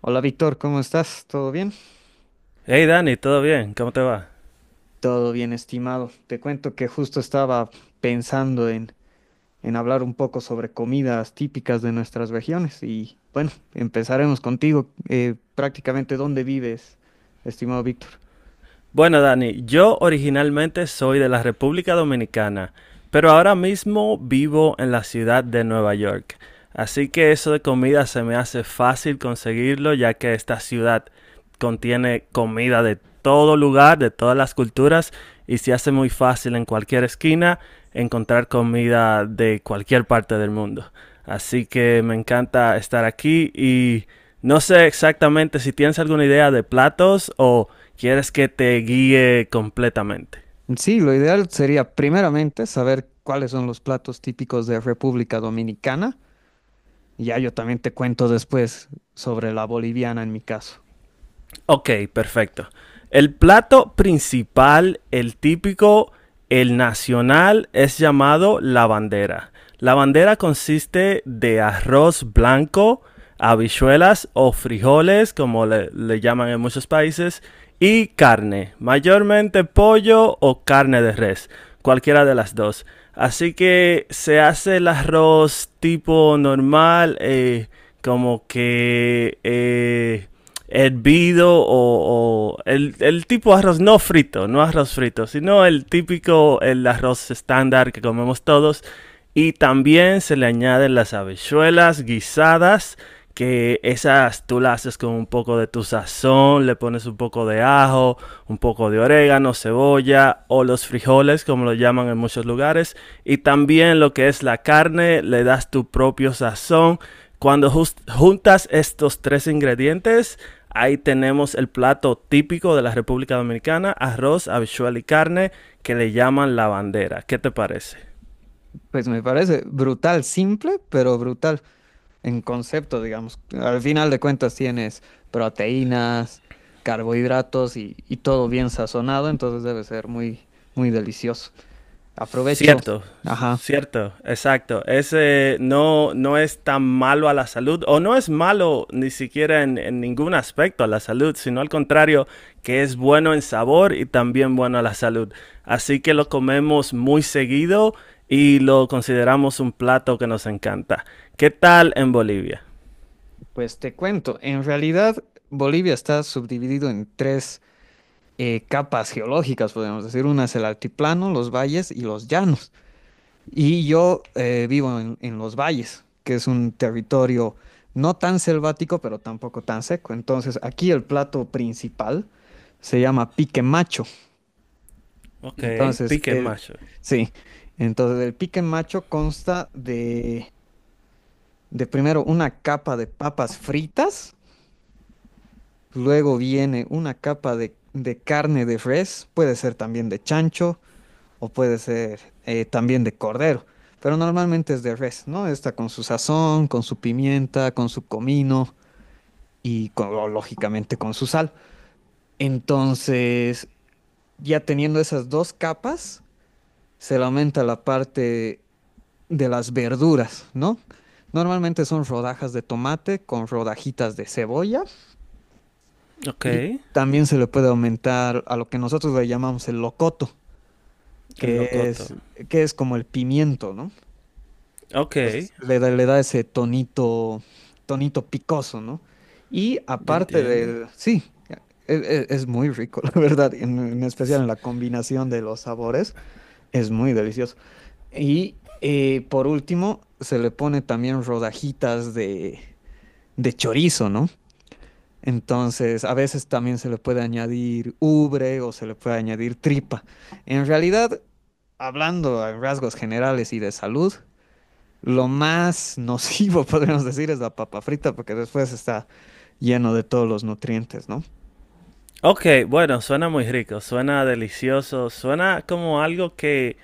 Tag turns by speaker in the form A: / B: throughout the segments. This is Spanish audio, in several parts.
A: Hola Víctor, ¿cómo estás? ¿Todo bien?
B: Hey Dani, ¿todo bien? ¿Cómo te va?
A: Todo bien, estimado. Te cuento que justo estaba pensando en hablar un poco sobre comidas típicas de nuestras regiones y bueno, empezaremos contigo. Prácticamente, ¿dónde vives, estimado Víctor?
B: Bueno Dani, yo originalmente soy de la República Dominicana, pero ahora mismo vivo en la ciudad de Nueva York. Así que eso de comida se me hace fácil conseguirlo ya que esta ciudad contiene comida de todo lugar, de todas las culturas y se hace muy fácil en cualquier esquina encontrar comida de cualquier parte del mundo. Así que me encanta estar aquí y no sé exactamente si tienes alguna idea de platos o quieres que te guíe completamente.
A: Sí, lo ideal sería primeramente saber cuáles son los platos típicos de República Dominicana. Ya yo también te cuento después sobre la boliviana en mi caso.
B: Ok, perfecto. El plato principal, el típico, el nacional, es llamado la bandera. La bandera consiste de arroz blanco, habichuelas o frijoles, como le llaman en muchos países, y carne, mayormente pollo o carne de res, cualquiera de las dos. Así que se hace el arroz tipo normal, como que hervido o el tipo de arroz no frito, no arroz frito, sino el típico, el arroz estándar que comemos todos. Y también se le añaden las habichuelas guisadas, que esas tú las haces con un poco de tu sazón, le pones un poco de ajo, un poco de orégano, cebolla o los frijoles, como lo llaman en muchos lugares. Y también lo que es la carne, le das tu propio sazón cuando juntas estos tres ingredientes, ahí tenemos el plato típico de la República Dominicana, arroz, habichuela y carne, que le llaman la bandera. ¿Qué te parece?
A: Pues me parece brutal, simple, pero brutal en concepto, digamos. Al final de cuentas tienes proteínas, carbohidratos y todo bien sazonado, entonces debe ser muy, muy delicioso. Aprovecho.
B: Cierto,
A: Ajá.
B: cierto, exacto. Ese no, no es tan malo a la salud, o no es malo ni siquiera en ningún aspecto a la salud, sino al contrario, que es bueno en sabor y también bueno a la salud. Así que lo comemos muy seguido y lo consideramos un plato que nos encanta. ¿Qué tal en Bolivia?
A: Pues te cuento, en realidad Bolivia está subdividido en tres capas geológicas, podemos decir. Una es el altiplano, los valles y los llanos. Y yo vivo en los valles, que es un territorio no tan selvático, pero tampoco tan seco. Entonces, aquí el plato principal se llama pique macho.
B: Ok,
A: Entonces,
B: pique macho.
A: sí, entonces el pique macho consta de primero una capa de papas fritas, luego viene una capa de carne de res, puede ser también de chancho, o puede ser también de cordero, pero normalmente es de res, ¿no? Está con su sazón, con su pimienta, con su comino y lógicamente con su sal. Entonces, ya teniendo esas dos capas, se le aumenta la parte de las verduras, ¿no? Normalmente son rodajas de tomate con rodajitas de cebolla
B: Ok,
A: y
B: el
A: también se le puede aumentar a lo que nosotros le llamamos el locoto, que
B: locoto.
A: es, que es como el pimiento, ¿no?
B: Ok,
A: Pues, le da ese tonito, tonito picoso, ¿no? Y
B: ya
A: aparte
B: entiendo.
A: del, sí, e- es muy rico, la verdad, en especial en la combinación de los sabores, es muy delicioso. Y por último, se le pone también rodajitas de chorizo, ¿no? Entonces, a veces también se le puede añadir ubre o se le puede añadir tripa. En realidad, hablando a rasgos generales y de salud, lo más nocivo, podríamos decir, es la papa frita, porque después está lleno de todos los nutrientes, ¿no?
B: Ok, bueno, suena muy rico, suena delicioso, suena como algo que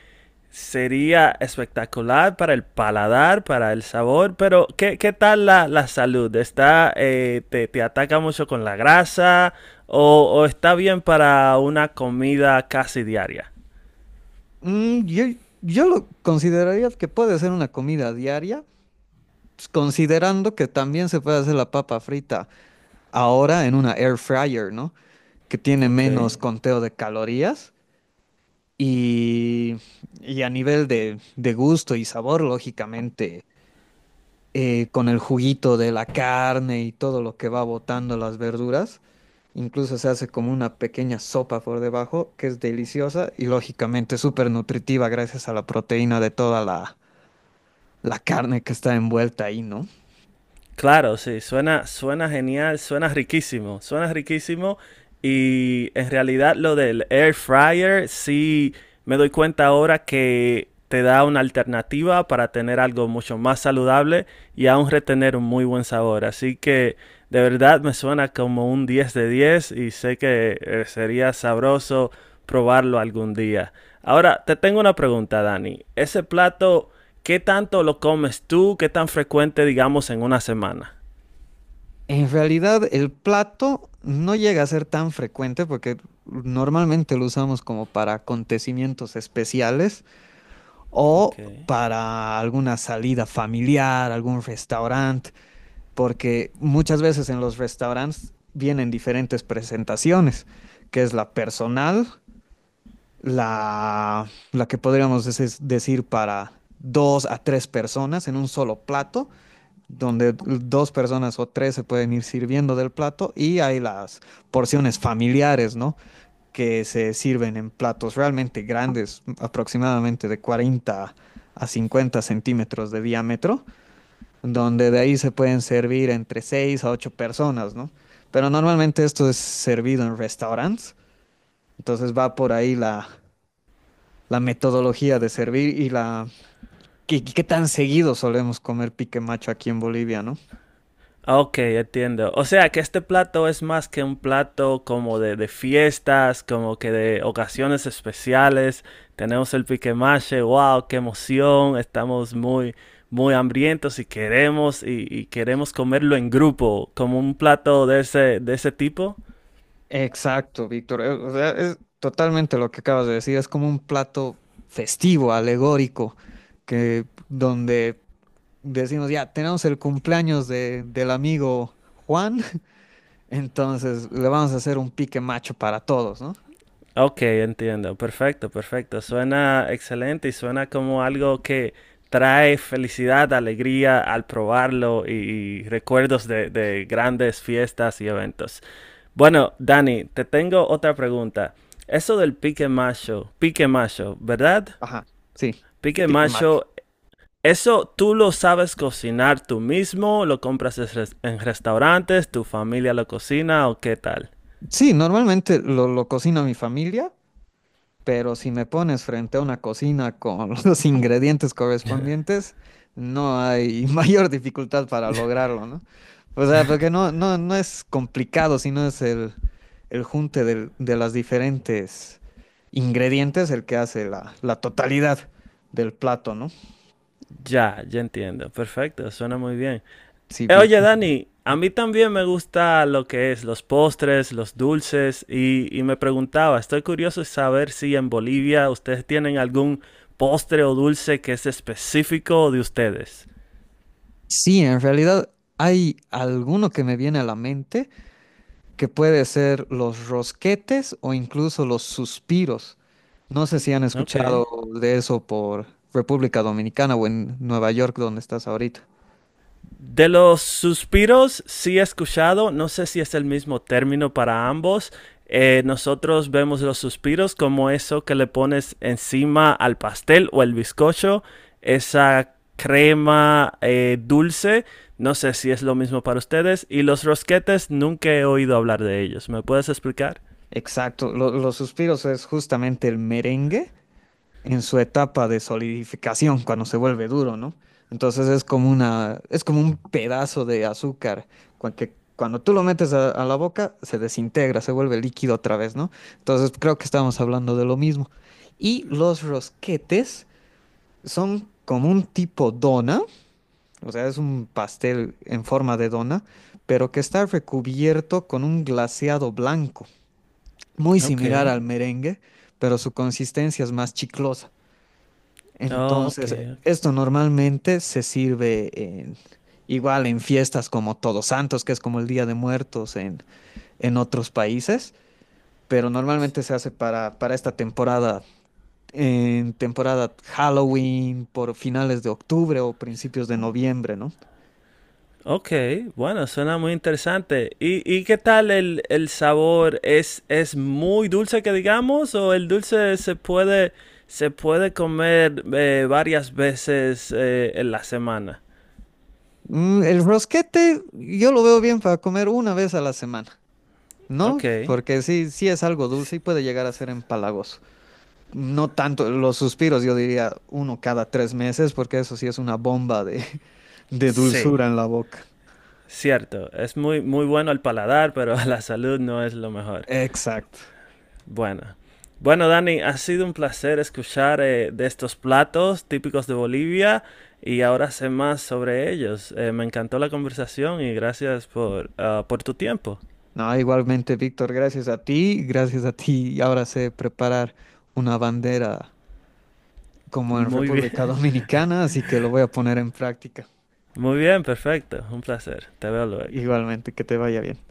B: sería espectacular para el paladar, para el sabor, pero ¿qué, qué tal la salud? ¿Está, te, te ataca mucho con la grasa o está bien para una comida casi diaria?
A: Mm, yo, yo lo consideraría que puede ser una comida diaria, pues, considerando que también se puede hacer la papa frita ahora en una air fryer, ¿no? Que tiene
B: Ok.
A: menos conteo de calorías y, y a nivel de gusto y sabor, lógicamente con el juguito de la carne y todo lo que va botando las verduras. Incluso se hace como una pequeña sopa por debajo, que es deliciosa y lógicamente súper nutritiva gracias a la proteína de toda la carne que está envuelta ahí, ¿no?
B: Claro, sí, suena, suena genial, suena riquísimo, suena riquísimo. Y en realidad lo del air fryer, sí me doy cuenta ahora que te da una alternativa para tener algo mucho más saludable y aún retener un muy buen sabor. Así que de verdad me suena como un 10 de 10 y sé que sería sabroso probarlo algún día. Ahora, te tengo una pregunta, Dani. ¿Ese plato? ¿Qué tanto lo comes tú? ¿Qué tan frecuente, digamos, en una semana?
A: En realidad el plato no llega a ser tan frecuente porque normalmente lo usamos como para acontecimientos especiales
B: Ok.
A: o para alguna salida familiar, algún restaurante. Porque muchas veces en los restaurantes vienen diferentes presentaciones, que es la personal, la que podríamos decir para dos a tres personas en un solo plato, donde dos personas o tres se pueden ir sirviendo del plato, y hay las porciones familiares, ¿no? Que se sirven en platos realmente grandes, aproximadamente de 40 a 50 centímetros de diámetro donde de ahí se pueden servir entre 6 a 8 personas, ¿no? Pero normalmente esto es servido en restaurantes, entonces va por ahí la metodología de servir y la qué, qué tan seguido solemos comer pique macho aquí en Bolivia, ¿no?
B: Ah, ok, entiendo. O sea que este plato es más que un plato como de fiestas, como que de ocasiones especiales. Tenemos el piquemache, wow, qué emoción. Estamos muy, muy hambrientos y queremos, y queremos comerlo en grupo, como un plato de ese tipo.
A: Exacto, Víctor. O sea, es totalmente lo que acabas de decir. Es como un plato festivo, alegórico, que donde decimos, ya, tenemos el cumpleaños del amigo Juan. Entonces, le vamos a hacer un pique macho para todos, ¿no?
B: Ok, entiendo. Perfecto, perfecto. Suena excelente y suena como algo que trae felicidad, alegría al probarlo y recuerdos de grandes fiestas y eventos. Bueno, Dani, te tengo otra pregunta. Eso del pique macho, ¿verdad?
A: Ajá, sí,
B: Pique
A: pique macho.
B: macho, ¿eso tú lo sabes cocinar tú mismo? ¿Lo compras en en restaurantes? ¿Tu familia lo cocina o qué tal?
A: Sí, normalmente lo cocina mi familia, pero si me pones frente a una cocina con los ingredientes correspondientes, no hay mayor dificultad para lograrlo, ¿no? O sea, porque no, no es complicado, sino es el junte de las diferentes ingredientes el que hace la totalidad del plato, ¿no?
B: Ya, ya entiendo. Perfecto, suena muy bien.
A: Sí, vi.
B: Oye, Dani, a mí también me gusta lo que es los postres, los dulces, y me preguntaba, estoy curioso de saber si en Bolivia ustedes tienen algún postre o dulce que es específico de ustedes.
A: Sí, en realidad hay alguno que me viene a la mente que puede ser los rosquetes o incluso los suspiros. No sé si han
B: Ok.
A: escuchado de eso por República Dominicana o en Nueva York, donde estás ahorita.
B: De los suspiros sí he escuchado, no sé si es el mismo término para ambos. Nosotros vemos los suspiros como eso que le pones encima al pastel o el bizcocho, esa crema dulce. No sé si es lo mismo para ustedes. Y los rosquetes nunca he oído hablar de ellos. ¿Me puedes explicar?
A: Exacto, los suspiros es justamente el merengue en su etapa de solidificación cuando se vuelve duro, ¿no? Entonces es como una, es como un pedazo de azúcar que cuando tú lo metes a la boca se desintegra, se vuelve líquido otra vez, ¿no? Entonces creo que estamos hablando de lo mismo. Y los rosquetes son como un tipo dona, o sea, es un pastel en forma de dona, pero que está recubierto con un glaseado blanco, muy
B: Ok.
A: similar al merengue, pero su consistencia es más chiclosa.
B: Oh, ok,
A: Entonces,
B: ok.
A: esto normalmente igual en fiestas como Todos Santos, que es como el Día de Muertos en otros países, pero normalmente se hace para esta temporada, en temporada Halloween, por finales de octubre o principios de noviembre, ¿no?
B: Ok, bueno, suena muy interesante. Y qué tal el sabor? Es muy dulce que digamos o el dulce se puede comer varias veces en la semana?
A: Mm, el rosquete yo lo veo bien para comer una vez a la semana, ¿no?
B: Ok,
A: Porque sí, sí es algo
B: s-
A: dulce y puede llegar a ser empalagoso. No tanto los suspiros, yo diría uno cada tres meses, porque eso sí es una bomba de, de
B: sí,
A: dulzura en la boca.
B: cierto. Es muy, muy bueno al paladar, pero a la salud no es lo mejor.
A: Exacto.
B: Bueno. Bueno, Dani, ha sido un placer escuchar de estos platos típicos de Bolivia y ahora sé más sobre ellos. Me encantó la conversación y gracias por, ah, por tu tiempo.
A: No, igualmente, Víctor, gracias a ti, gracias a ti. Y ahora sé preparar una bandera como en
B: Muy
A: República
B: bien,
A: Dominicana, así que lo voy a poner en práctica.
B: muy bien, perfecto, un placer. Te veo luego.
A: Igualmente, que te vaya bien.